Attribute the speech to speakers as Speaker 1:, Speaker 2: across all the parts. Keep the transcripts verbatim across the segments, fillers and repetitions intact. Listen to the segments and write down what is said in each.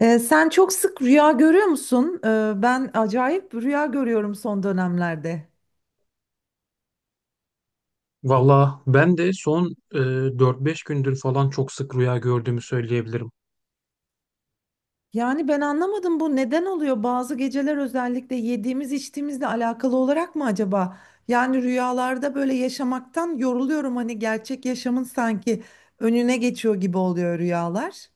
Speaker 1: Ee, sen çok sık rüya görüyor musun? Ee, ben acayip rüya görüyorum son dönemlerde.
Speaker 2: Valla ben de son e, dört beş gündür falan çok sık rüya gördüğümü söyleyebilirim.
Speaker 1: Yani ben anlamadım, bu neden oluyor? Bazı geceler özellikle yediğimiz içtiğimizle alakalı olarak mı acaba? Yani rüyalarda böyle yaşamaktan yoruluyorum, hani gerçek yaşamın sanki önüne geçiyor gibi oluyor rüyalar.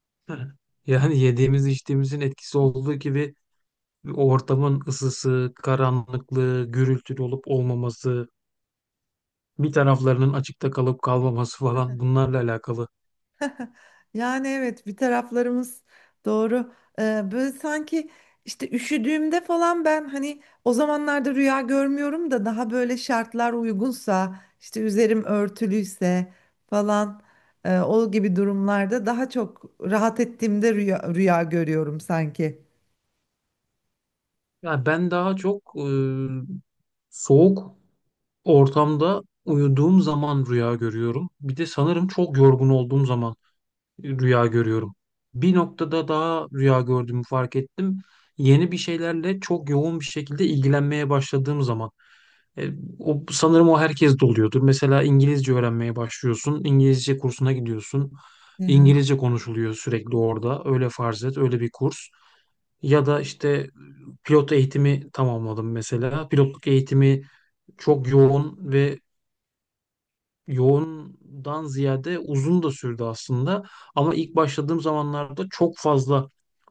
Speaker 2: Hı. Yani yediğimiz içtiğimizin etkisi olduğu gibi o ortamın ısısı, karanlıklığı, gürültülü olup olmaması, bir taraflarının açıkta kalıp kalmaması falan bunlarla alakalı.
Speaker 1: Yani evet, bir taraflarımız doğru. Ee, böyle sanki işte üşüdüğümde falan ben hani o zamanlarda rüya görmüyorum da daha böyle şartlar uygunsa işte üzerim örtülüyse falan, e, o gibi durumlarda daha çok rahat ettiğimde rüya, rüya görüyorum sanki.
Speaker 2: Ya ben daha çok e, soğuk ortamda uyuduğum zaman rüya görüyorum. Bir de sanırım çok yorgun olduğum zaman rüya görüyorum. Bir noktada daha rüya gördüğümü fark ettim. Yeni bir şeylerle çok yoğun bir şekilde ilgilenmeye başladığım zaman. E, O, sanırım o herkes de oluyordur. Mesela İngilizce öğrenmeye başlıyorsun. İngilizce kursuna gidiyorsun.
Speaker 1: Hı hı.
Speaker 2: İngilizce konuşuluyor sürekli orada. Öyle farz et, öyle bir kurs. Ya da işte pilot eğitimi tamamladım mesela. Pilotluk eğitimi çok yoğun ve yoğundan ziyade uzun da sürdü aslında. Ama ilk başladığım zamanlarda çok fazla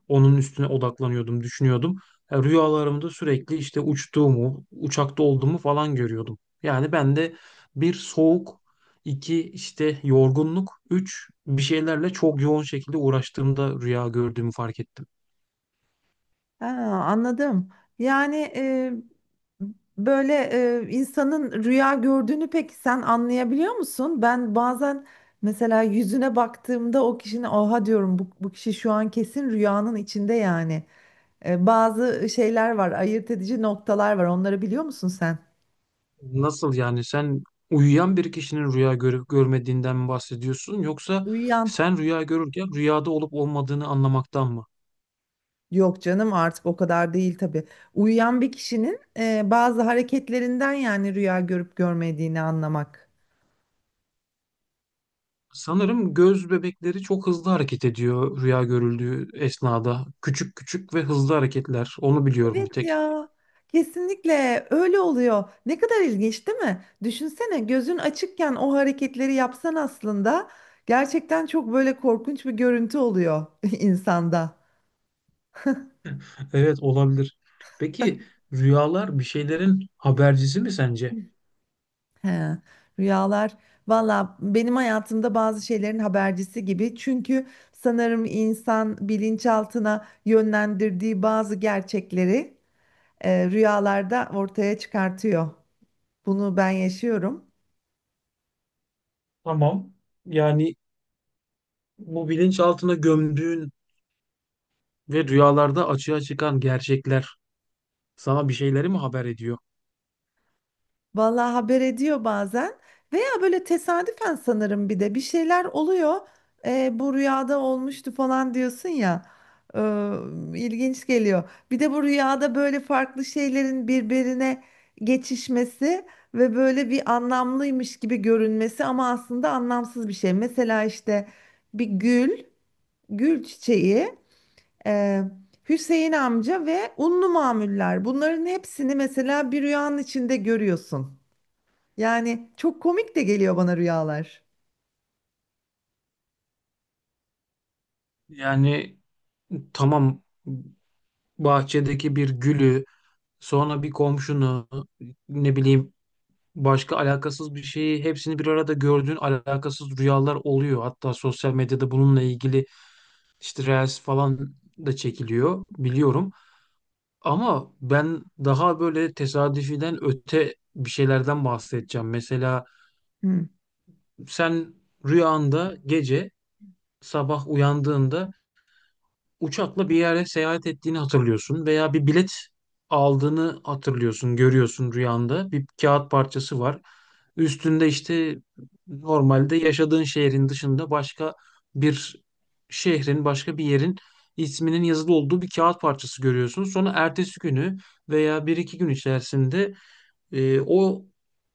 Speaker 2: onun üstüne odaklanıyordum, düşünüyordum. E, Rüyalarımda sürekli işte uçtuğumu, uçakta olduğumu falan görüyordum. Yani ben de bir soğuk, iki işte yorgunluk, üç bir şeylerle çok yoğun şekilde uğraştığımda rüya gördüğümü fark ettim.
Speaker 1: Ha, anladım. Yani e, böyle e, insanın rüya gördüğünü peki sen anlayabiliyor musun? Ben bazen mesela yüzüne baktığımda o kişinin oha diyorum, bu, bu kişi şu an kesin rüyanın içinde yani. E, bazı şeyler var, ayırt edici noktalar var. Onları biliyor musun sen?
Speaker 2: Nasıl yani, sen uyuyan bir kişinin rüya görüp görmediğinden mi bahsediyorsun yoksa
Speaker 1: Uyuyan
Speaker 2: sen rüya görürken rüyada olup olmadığını anlamaktan mı?
Speaker 1: yok canım, artık o kadar değil tabii. Uyuyan bir kişinin e, bazı hareketlerinden yani rüya görüp görmediğini anlamak.
Speaker 2: Sanırım göz bebekleri çok hızlı hareket ediyor rüya görüldüğü esnada. Küçük küçük ve hızlı hareketler. Onu biliyorum bir
Speaker 1: Evet
Speaker 2: tek.
Speaker 1: ya. Kesinlikle öyle oluyor. Ne kadar ilginç değil mi? Düşünsene, gözün açıkken o hareketleri yapsan aslında gerçekten çok böyle korkunç bir görüntü oluyor insanda.
Speaker 2: Evet, olabilir. Peki, rüyalar bir şeylerin habercisi mi sence?
Speaker 1: He, rüyalar. Valla benim hayatımda bazı şeylerin habercisi gibi. Çünkü sanırım insan bilinçaltına yönlendirdiği bazı gerçekleri e, rüyalarda ortaya çıkartıyor. Bunu ben yaşıyorum.
Speaker 2: Tamam. Yani bu bilinçaltına gömdüğün ve rüyalarda açığa çıkan gerçekler sana bir şeyleri mi haber ediyor?
Speaker 1: Vallahi haber ediyor bazen, veya böyle tesadüfen sanırım bir de bir şeyler oluyor. Ee, bu rüyada olmuştu falan diyorsun ya. Ee, ilginç geliyor. Bir de bu rüyada böyle farklı şeylerin birbirine geçişmesi ve böyle bir anlamlıymış gibi görünmesi, ama aslında anlamsız bir şey. Mesela işte bir gül, gül çiçeği, e, Hüseyin amca ve unlu mamuller. Bunların hepsini mesela bir rüyanın içinde görüyorsun. Yani çok komik de geliyor bana rüyalar.
Speaker 2: Yani tamam, bahçedeki bir gülü, sonra bir komşunu, ne bileyim başka alakasız bir şeyi, hepsini bir arada gördüğün alakasız rüyalar oluyor. Hatta sosyal medyada bununla ilgili işte reels falan da çekiliyor biliyorum. Ama ben daha böyle tesadüfiden öte bir şeylerden bahsedeceğim. Mesela
Speaker 1: Hmm.
Speaker 2: sen rüyanda gece, sabah uyandığında uçakla bir yere seyahat ettiğini hatırlıyorsun veya bir bilet aldığını hatırlıyorsun, görüyorsun rüyanda. Bir kağıt parçası var. Üstünde işte normalde yaşadığın şehrin dışında başka bir şehrin, başka bir yerin isminin yazılı olduğu bir kağıt parçası görüyorsun. Sonra ertesi günü veya bir iki gün içerisinde e, o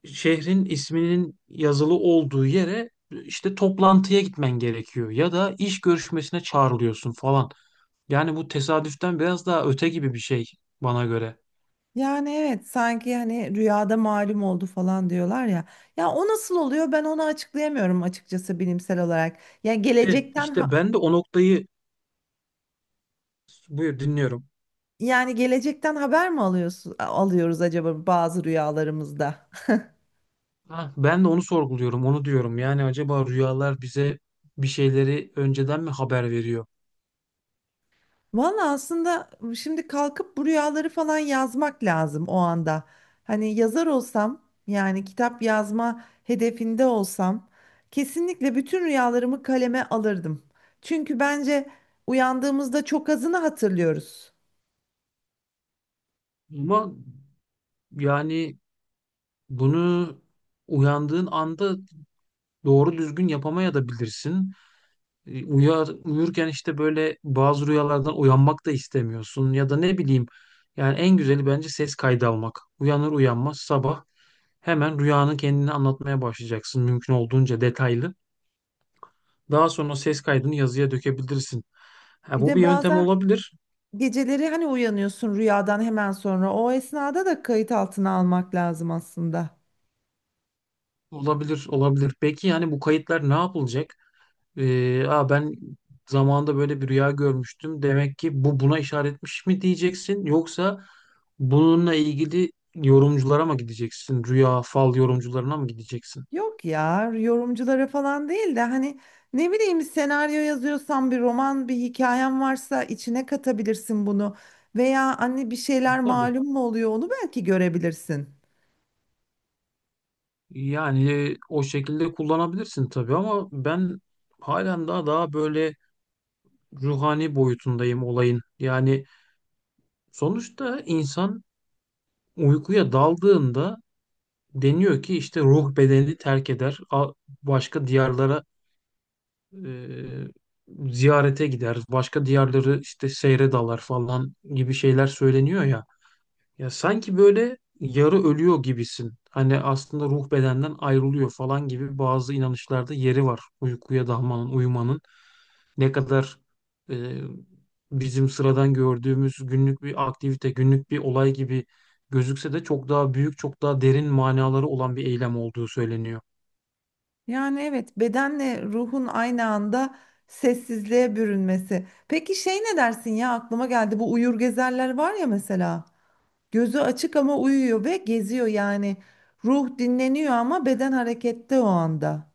Speaker 2: şehrin isminin yazılı olduğu yere işte toplantıya gitmen gerekiyor ya da iş görüşmesine çağrılıyorsun falan. Yani bu tesadüften biraz daha öte gibi bir şey bana göre.
Speaker 1: Yani evet, sanki hani rüyada malum oldu falan diyorlar ya. Ya o nasıl oluyor, ben onu açıklayamıyorum açıkçası bilimsel olarak. Yani
Speaker 2: İşte
Speaker 1: gelecekten ha-
Speaker 2: işte ben de o noktayı, buyur, dinliyorum.
Speaker 1: Yani gelecekten haber mi alıyorsun, alıyoruz acaba bazı rüyalarımızda?
Speaker 2: Ha, ben de onu sorguluyorum, onu diyorum. Yani acaba rüyalar bize bir şeyleri önceden mi haber veriyor?
Speaker 1: Valla aslında şimdi kalkıp bu rüyaları falan yazmak lazım o anda. Hani yazar olsam, yani kitap yazma hedefinde olsam, kesinlikle bütün rüyalarımı kaleme alırdım. Çünkü bence uyandığımızda çok azını hatırlıyoruz.
Speaker 2: Ama yani bunu uyandığın anda doğru düzgün yapamayabilirsin. E, Uyar, uyurken işte böyle bazı rüyalardan uyanmak da istemiyorsun ya da ne bileyim. Yani en güzeli bence ses kaydı almak. Uyanır uyanmaz sabah hemen rüyanın kendini anlatmaya başlayacaksın mümkün olduğunca detaylı. Daha sonra ses kaydını yazıya dökebilirsin. Ha,
Speaker 1: Bir
Speaker 2: bu bir
Speaker 1: de
Speaker 2: yöntem
Speaker 1: bazen
Speaker 2: olabilir.
Speaker 1: geceleri hani uyanıyorsun rüyadan hemen sonra, o esnada da kayıt altına almak lazım aslında.
Speaker 2: Olabilir, olabilir. Peki yani bu kayıtlar ne yapılacak? Ee, Aa, ben zamanında böyle bir rüya görmüştüm. Demek ki bu buna işaretmiş mi diyeceksin yoksa bununla ilgili yorumculara mı gideceksin? Rüya fal yorumcularına mı gideceksin?
Speaker 1: Yok ya, yorumculara falan değil de hani ne bileyim, senaryo yazıyorsan, bir roman bir hikayen varsa içine katabilirsin bunu, veya anne bir şeyler
Speaker 2: Tabii.
Speaker 1: malum mu oluyor onu belki görebilirsin.
Speaker 2: Yani e, o şekilde kullanabilirsin tabii, ama ben halen daha daha böyle ruhani boyutundayım olayın. Yani sonuçta insan uykuya daldığında deniyor ki işte ruh bedeni terk eder, a- başka diyarlara e, ziyarete gider, başka diyarları işte seyre dalar falan gibi şeyler söyleniyor ya. Ya sanki böyle yarı ölüyor gibisin. Hani aslında ruh bedenden ayrılıyor falan gibi bazı inanışlarda yeri var. Uykuya dalmanın, uyumanın ne kadar e, bizim sıradan gördüğümüz günlük bir aktivite, günlük bir olay gibi gözükse de çok daha büyük, çok daha derin manaları olan bir eylem olduğu söyleniyor.
Speaker 1: Yani evet, bedenle ruhun aynı anda sessizliğe bürünmesi. Peki şey ne dersin ya, aklıma geldi, bu uyur gezerler var ya mesela, gözü açık ama uyuyor ve geziyor, yani ruh dinleniyor ama beden harekette o anda.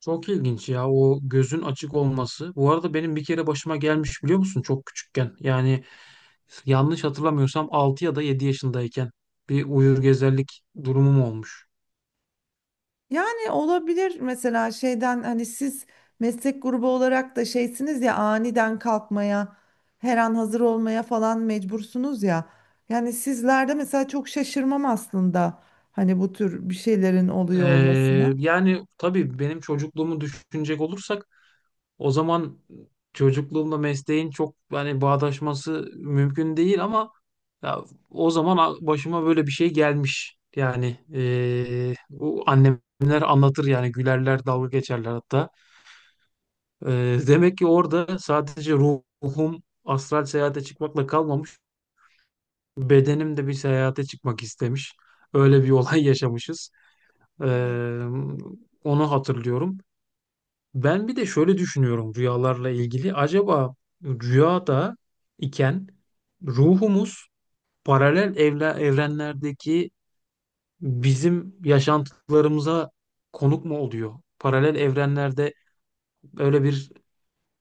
Speaker 2: Çok ilginç ya o gözün açık olması. Bu arada benim bir kere başıma gelmiş, biliyor musun, çok küçükken. Yani yanlış hatırlamıyorsam altı ya da yedi yaşındayken bir uyur gezerlik durumum olmuş.
Speaker 1: Yani olabilir mesela şeyden, hani siz meslek grubu olarak da şeysiniz ya, aniden kalkmaya, her an hazır olmaya falan mecbursunuz ya. Yani sizlerde mesela çok şaşırmam aslında hani bu tür bir şeylerin oluyor
Speaker 2: Ee,
Speaker 1: olmasına.
Speaker 2: yani tabii benim çocukluğumu düşünecek olursak o zaman çocukluğumla mesleğin çok hani bağdaşması mümkün değil ama ya, o zaman a- başıma böyle bir şey gelmiş. Yani ee, bu annemler anlatır, yani gülerler, dalga geçerler hatta. Ee, demek ki orada sadece ruhum astral seyahate çıkmakla kalmamış, bedenim de bir seyahate çıkmak istemiş. Öyle bir olay yaşamışız. Ee,
Speaker 1: Evet.
Speaker 2: onu hatırlıyorum. Ben bir de şöyle düşünüyorum rüyalarla ilgili. Acaba rüyada iken ruhumuz paralel evle, evrenlerdeki bizim yaşantılarımıza konuk mu oluyor? Paralel evrenlerde öyle bir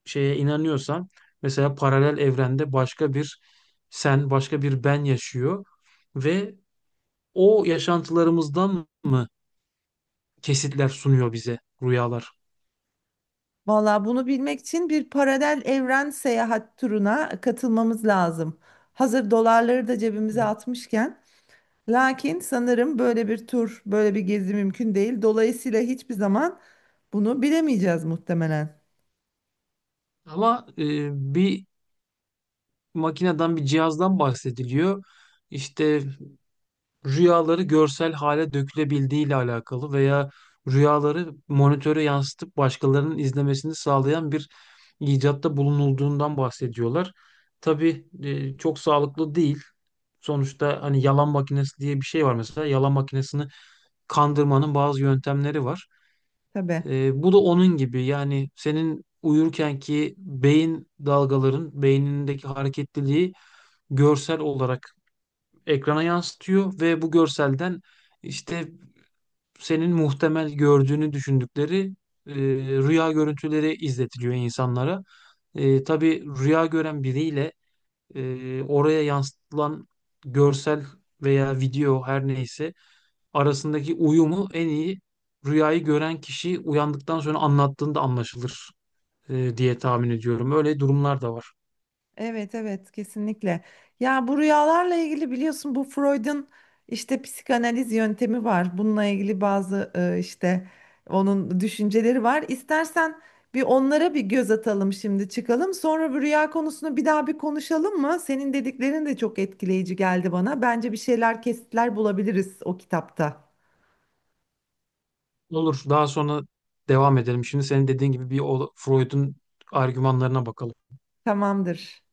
Speaker 2: şeye inanıyorsam, mesela paralel evrende başka bir sen, başka bir ben yaşıyor ve o yaşantılarımızdan mı kesitler sunuyor bize rüyalar?
Speaker 1: Valla bunu bilmek için bir paralel evren seyahat turuna katılmamız lazım. Hazır dolarları da cebimize atmışken. Lakin sanırım böyle bir tur, böyle bir gezi mümkün değil. Dolayısıyla hiçbir zaman bunu bilemeyeceğiz muhtemelen.
Speaker 2: Ama e, bir makineden, bir cihazdan bahsediliyor. İşte rüyaları görsel hale dökülebildiği ile alakalı veya rüyaları monitöre yansıtıp başkalarının izlemesini sağlayan bir icatta bulunulduğundan bahsediyorlar. Tabii e, çok sağlıklı değil. Sonuçta hani yalan makinesi diye bir şey var mesela. Yalan makinesini kandırmanın bazı yöntemleri var.
Speaker 1: Tabii.
Speaker 2: E, bu da onun gibi, yani senin uyurkenki beyin dalgaların beynindeki hareketliliği görsel olarak ekrana yansıtıyor ve bu görselden işte senin muhtemel gördüğünü düşündükleri e, rüya görüntüleri izletiliyor insanlara. E, tabii rüya gören biriyle e, oraya yansıtılan görsel veya video her neyse arasındaki uyumu en iyi rüyayı gören kişi uyandıktan sonra anlattığında anlaşılır e, diye tahmin ediyorum. Öyle durumlar da var.
Speaker 1: Evet, evet, kesinlikle. Ya bu rüyalarla ilgili biliyorsun, bu Freud'un işte psikanaliz yöntemi var. Bununla ilgili bazı e, işte onun düşünceleri var. İstersen bir onlara bir göz atalım şimdi, çıkalım. Sonra bu rüya konusunu bir daha bir konuşalım mı? Senin dediklerin de çok etkileyici geldi bana. Bence bir şeyler, kesitler bulabiliriz o kitapta.
Speaker 2: Olur, daha sonra devam edelim. Şimdi senin dediğin gibi bir o- Freud'un argümanlarına bakalım.
Speaker 1: Tamamdır.